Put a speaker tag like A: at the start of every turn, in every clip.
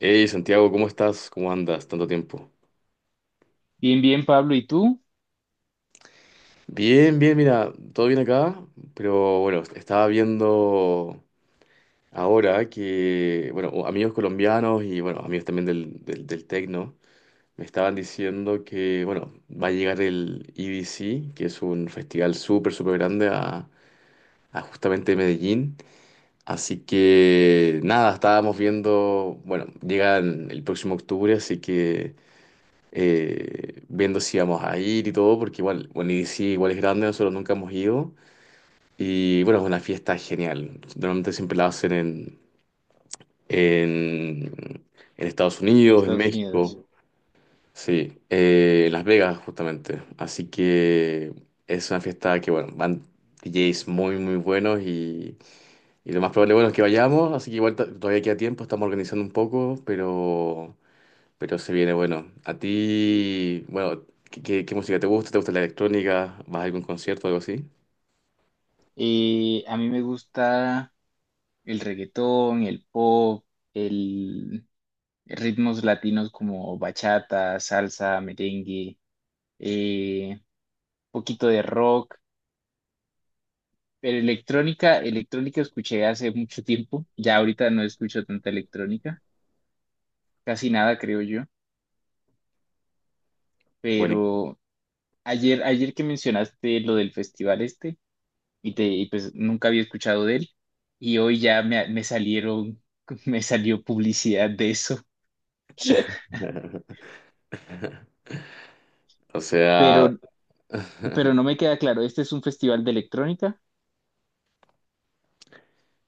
A: Hey Santiago, ¿cómo estás? ¿Cómo andas? Tanto tiempo.
B: Bien, bien, Pablo, ¿y tú?
A: Bien, bien, mira, todo bien acá, pero bueno, estaba viendo ahora que, bueno, amigos colombianos y bueno, amigos también del tecno, me estaban diciendo que, bueno, va a llegar el EDC, que es un festival súper, súper grande a justamente Medellín. Así que nada, estábamos viendo, bueno, llegan el próximo octubre, así que... viendo si íbamos a ir y todo, porque igual, bueno, y sí, igual es grande, nosotros nunca hemos ido. Y bueno, es una fiesta genial. Normalmente siempre la hacen en, en Estados
B: En
A: Unidos, en
B: Estados Unidos.
A: México, sí, en Las Vegas justamente. Así que es una fiesta que, bueno, van DJs muy, muy buenos y lo más probable, bueno, es que vayamos. Así que igual todavía queda tiempo, estamos organizando un poco, pero... Pero se viene bueno. A ti, bueno, ¿qué música te gusta? ¿Te gusta la electrónica? ¿Vas a algún concierto o algo así?
B: A mí me gusta el reggaetón, el pop, el ritmos latinos como bachata, salsa, merengue, eh, poquito de rock, pero electrónica, electrónica escuché hace mucho tiempo, ya ahorita no escucho tanta electrónica, casi nada creo yo,
A: Bueno.
B: pero ayer que mencionaste lo del festival este, y pues nunca había escuchado de él. Y hoy ya me salieron, me salió publicidad de eso.
A: O sea,
B: Pero, pero no me queda claro, ¿este es un festival de electrónica?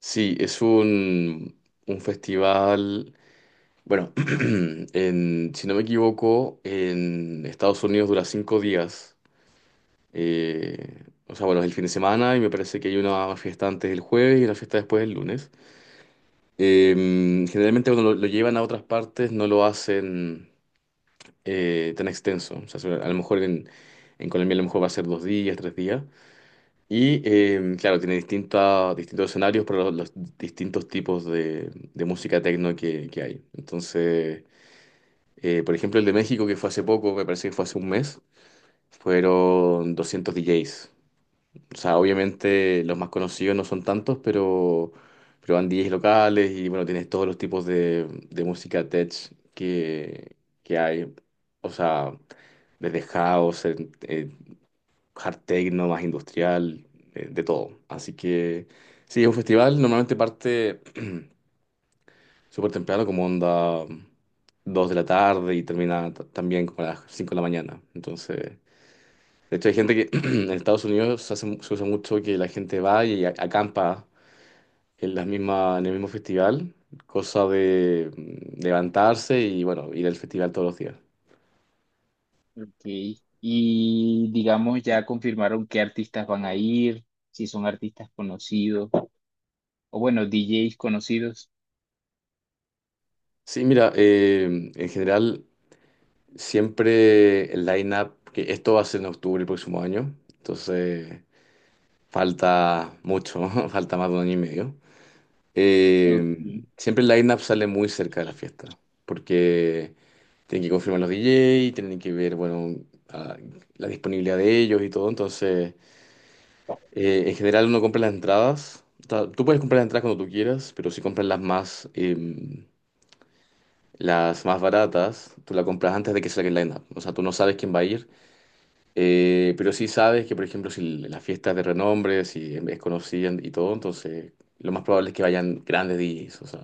A: sí, es un festival. Bueno, si no me equivoco, en Estados Unidos dura 5 días. O sea, bueno, es el fin de semana y me parece que hay una fiesta antes del jueves y una fiesta después del lunes. Generalmente cuando lo llevan a otras partes no lo hacen tan extenso. O sea, a lo mejor en Colombia a lo mejor va a ser 2 días, 3 días. Y claro, tiene distintos escenarios para los distintos tipos de música techno que hay. Entonces, por ejemplo, el de México que fue hace poco, me parece que fue hace un mes, fueron 200 DJs. O sea, obviamente los más conocidos no son tantos, pero van DJs locales y bueno, tienes todos los tipos de música tech que, que hay. O sea, desde house, hard techno, más industrial, de todo. Así que sí, es un festival, normalmente parte súper temprano, como onda 2 de la tarde y termina también como a las 5 de la mañana. Entonces, de hecho hay gente que en Estados Unidos se usa mucho que la gente va y acampa en las mismas, en el mismo festival, cosa de levantarse y bueno, ir al festival todos los días.
B: Ok. Y digamos, ya confirmaron qué artistas van a ir, si son artistas conocidos, o bueno, DJs conocidos.
A: Sí, mira, en general siempre el line-up, que esto va a ser en octubre el próximo año, entonces falta mucho, falta más de un año y medio.
B: Ok.
A: Siempre el line-up sale muy cerca de la fiesta, porque tienen que confirmar los DJ, tienen que ver, bueno, a- la disponibilidad de ellos y todo, entonces en general uno compra las entradas. O sea, tú puedes comprar las entradas cuando tú quieras, pero si compras las más... las más baratas, tú las compras antes de que salga el line-up. O sea, tú no sabes quién va a ir. Pero sí sabes que, por ejemplo, si la fiesta es de renombre, si es conocida y todo, entonces lo más probable es que vayan grandes DJs, o sea,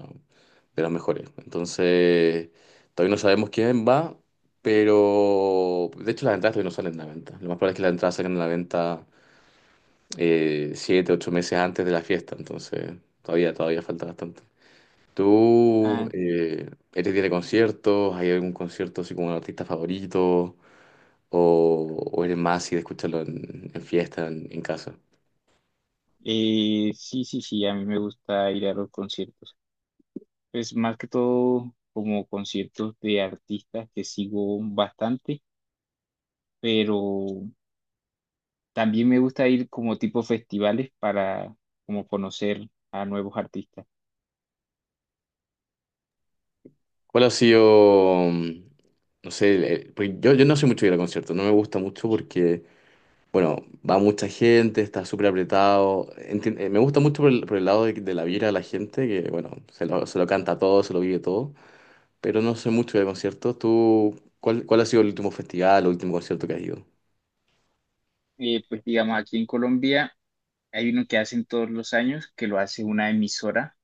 A: de los mejores. Entonces, todavía no sabemos quién va, pero de hecho las entradas todavía no salen a la venta. Lo más probable es que las entradas salgan a la venta 7, 8 meses antes de la fiesta, entonces todavía falta bastante. ¿Tú
B: Ah,
A: eres día de conciertos? ¿Hay algún concierto así como un artista favorito? O eres más así de escucharlo en fiesta, en casa?
B: sí, sí, sí, a mí me gusta ir a los conciertos. Es más que todo como conciertos de artistas que sigo bastante. Pero también me gusta ir como tipo festivales para como conocer a nuevos artistas.
A: ¿Cuál ha sido, no sé, porque yo no soy mucho de ir a conciertos, no me gusta mucho porque, bueno, va mucha gente, está súper apretado, me gusta mucho por por el lado de la vibra de la gente, que, bueno, se lo canta todo, se lo vive todo, pero no soy mucho de conciertos. ¿Tú, cuál ha sido el último festival o último concierto que has ido?
B: Pues digamos, aquí en Colombia hay uno que hacen todos los años, que lo hace una emisora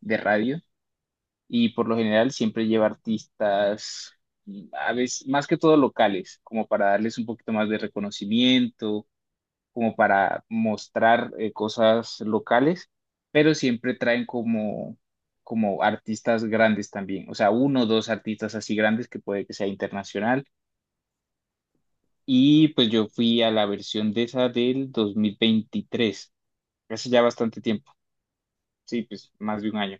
B: de radio y por lo general siempre lleva artistas, a veces más que todo locales, como para darles un poquito más de reconocimiento como para mostrar cosas locales, pero siempre traen como artistas grandes también, o sea, uno o dos artistas así grandes que puede que sea internacional. Y pues yo fui a la versión de esa del 2023, hace ya bastante tiempo, sí, pues más de un año.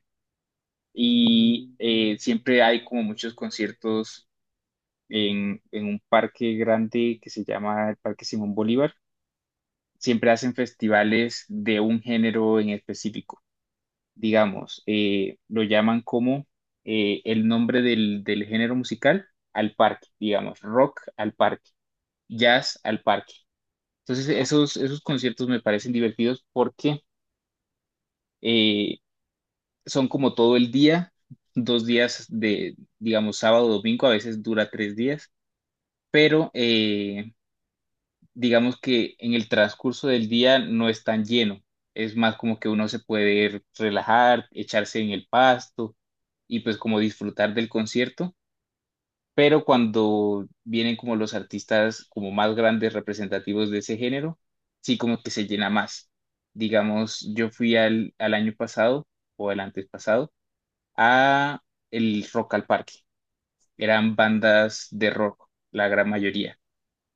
B: Y siempre hay como muchos conciertos en un parque grande que se llama el Parque Simón Bolívar. Siempre hacen festivales de un género en específico. Digamos, lo llaman como el nombre del, del género musical al parque, digamos, rock al parque, jazz al parque. Entonces, esos conciertos me parecen divertidos porque eh, son como todo el día, 2 días de, digamos, sábado, domingo, a veces dura 3 días, pero digamos que en el transcurso del día no es tan lleno. Es más como que uno se puede relajar, echarse en el pasto y pues como disfrutar del concierto. Pero cuando vienen como los artistas como más grandes representativos de ese género, sí como que se llena más. Digamos, yo fui al año pasado o el antes pasado a el Rock al Parque. Eran bandas de rock, la gran mayoría.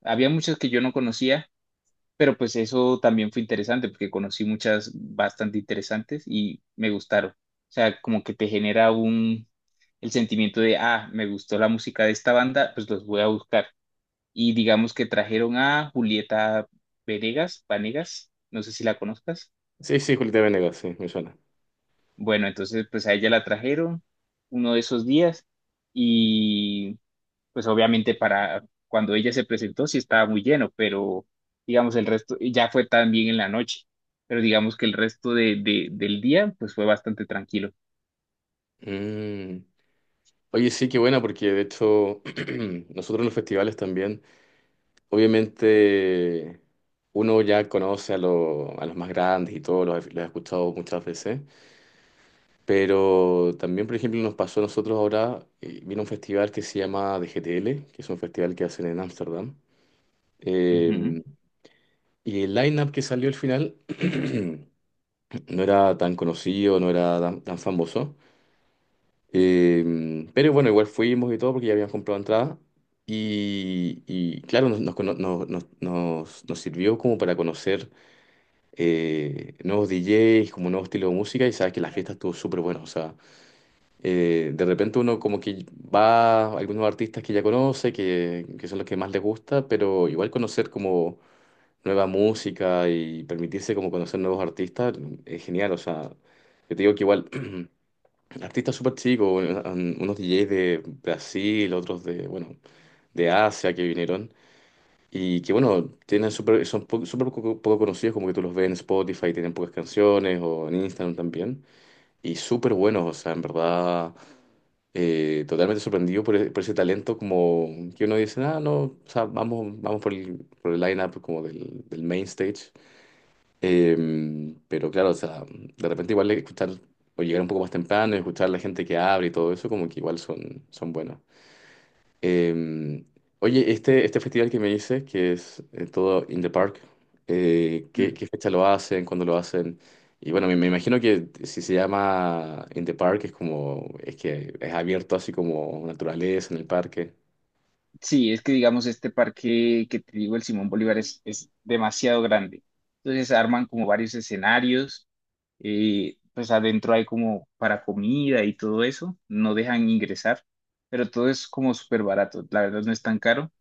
B: Había muchas que yo no conocía, pero pues eso también fue interesante porque conocí muchas bastante interesantes y me gustaron. O sea, como que te genera un, el sentimiento de, ah, me gustó la música de esta banda, pues los voy a buscar. Y digamos que trajeron a Julieta Venegas, Vanegas, no sé si la conozcas.
A: Sí, sí, Julieta Venegas, sí, me suena.
B: Bueno, entonces pues a ella la trajeron uno de esos días y pues obviamente para cuando ella se presentó sí estaba muy lleno, pero digamos el resto ya fue también en la noche, pero digamos que el resto del día pues fue bastante tranquilo.
A: Mm. Oye, sí, qué buena, porque de hecho nosotros en los festivales también obviamente uno ya conoce a los más grandes y todo, los he escuchado muchas veces, pero también, por ejemplo, nos pasó a nosotros ahora, vino un festival que se llama DGTL, que es un festival que hacen en Ámsterdam,
B: Ujú.
A: eh, y el line-up que salió al final no era tan conocido, no era tan famoso, pero bueno, igual fuimos y todo porque ya habíamos comprado entrada. Y claro, nos, nos, cono- nos, nos nos- nos sirvió como para conocer nuevos DJs, como nuevo estilo de música, y sabes que la fiesta estuvo súper buena. O sea, de repente uno como que va a algunos artistas que ya conoce, que son los que más les gusta, pero igual conocer como nueva música y permitirse como conocer nuevos artistas es genial. O sea, yo te digo que igual artistas súper chicos, unos DJs de Brasil, otros de, bueno, de Asia que vinieron. Y que bueno, tienen súper poco, poco conocidos, como que tú los ves en Spotify, tienen pocas canciones o en Instagram también. Y súper buenos, o sea, en verdad, totalmente sorprendido por, por ese talento como que uno dice, ah, no, o sea, vamos por por el line-up como del main stage. Eh, pero claro, o sea, de repente igual escuchar o llegar un poco más temprano, y escuchar la gente que abre y todo eso, como que igual son buenos. Eh, Oye, este festival que me dices, que es todo in the park, ¿qué,
B: Mm.
A: qué fecha lo hacen? ¿Cuándo lo hacen? Y bueno, me imagino que si se llama in the park es como, es que es abierto así como naturaleza en el parque.
B: Sí, es que digamos este parque que te digo, el Simón Bolívar es demasiado grande. Entonces arman como varios escenarios, pues adentro hay como para comida y todo eso, no dejan ingresar, pero todo es como súper barato, la verdad no es tan caro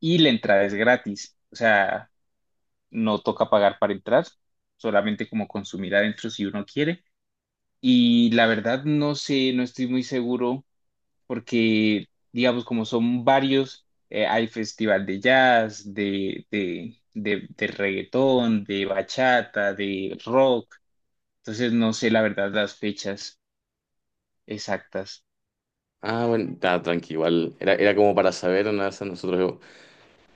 B: y la entrada es gratis, o sea, no toca pagar para entrar, solamente como consumir adentro si uno quiere. Y la verdad no sé, no estoy muy seguro porque, digamos, como son varios, hay festival de jazz, de reggaetón, de bachata, de rock. Entonces no sé la verdad las fechas exactas.
A: Ah, bueno, está tranqui, igual. Era como para saber, una de esas nosotros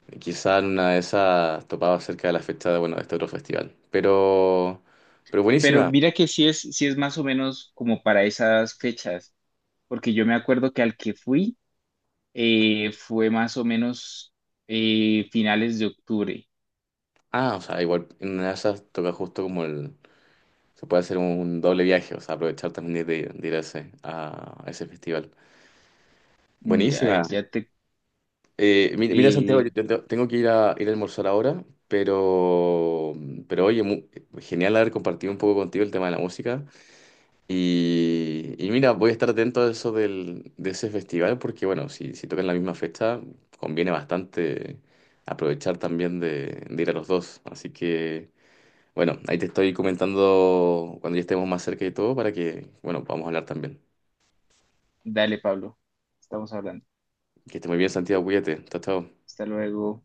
A: quizá en una de esas topaba cerca de la fecha de, bueno, de este otro festival. Pero
B: Pero
A: buenísima.
B: mira que sí es más o menos como para esas fechas, porque yo me acuerdo que al que fui, fue más o menos finales de octubre.
A: Ah, o sea, igual en una de esas toca justo como el, se puede hacer un doble viaje, o sea, aprovechar también de ir a ese festival.
B: Mira, a ver,
A: Buenísima.
B: ya te...
A: Mira, Santiago,
B: eh,
A: yo tengo que ir a almorzar ahora, pero, pero oye, mu- genial haber compartido un poco contigo el tema de la música. Y mira, voy a estar atento a eso de ese festival, porque bueno, si tocan la misma fecha, conviene bastante aprovechar también de ir a los dos. Así que bueno, ahí te estoy comentando cuando ya estemos más cerca y todo para que, bueno, podamos hablar también.
B: dale, Pablo, estamos hablando.
A: Que esté muy bien, Santiago, cuídate. Chao, chao.
B: Hasta luego.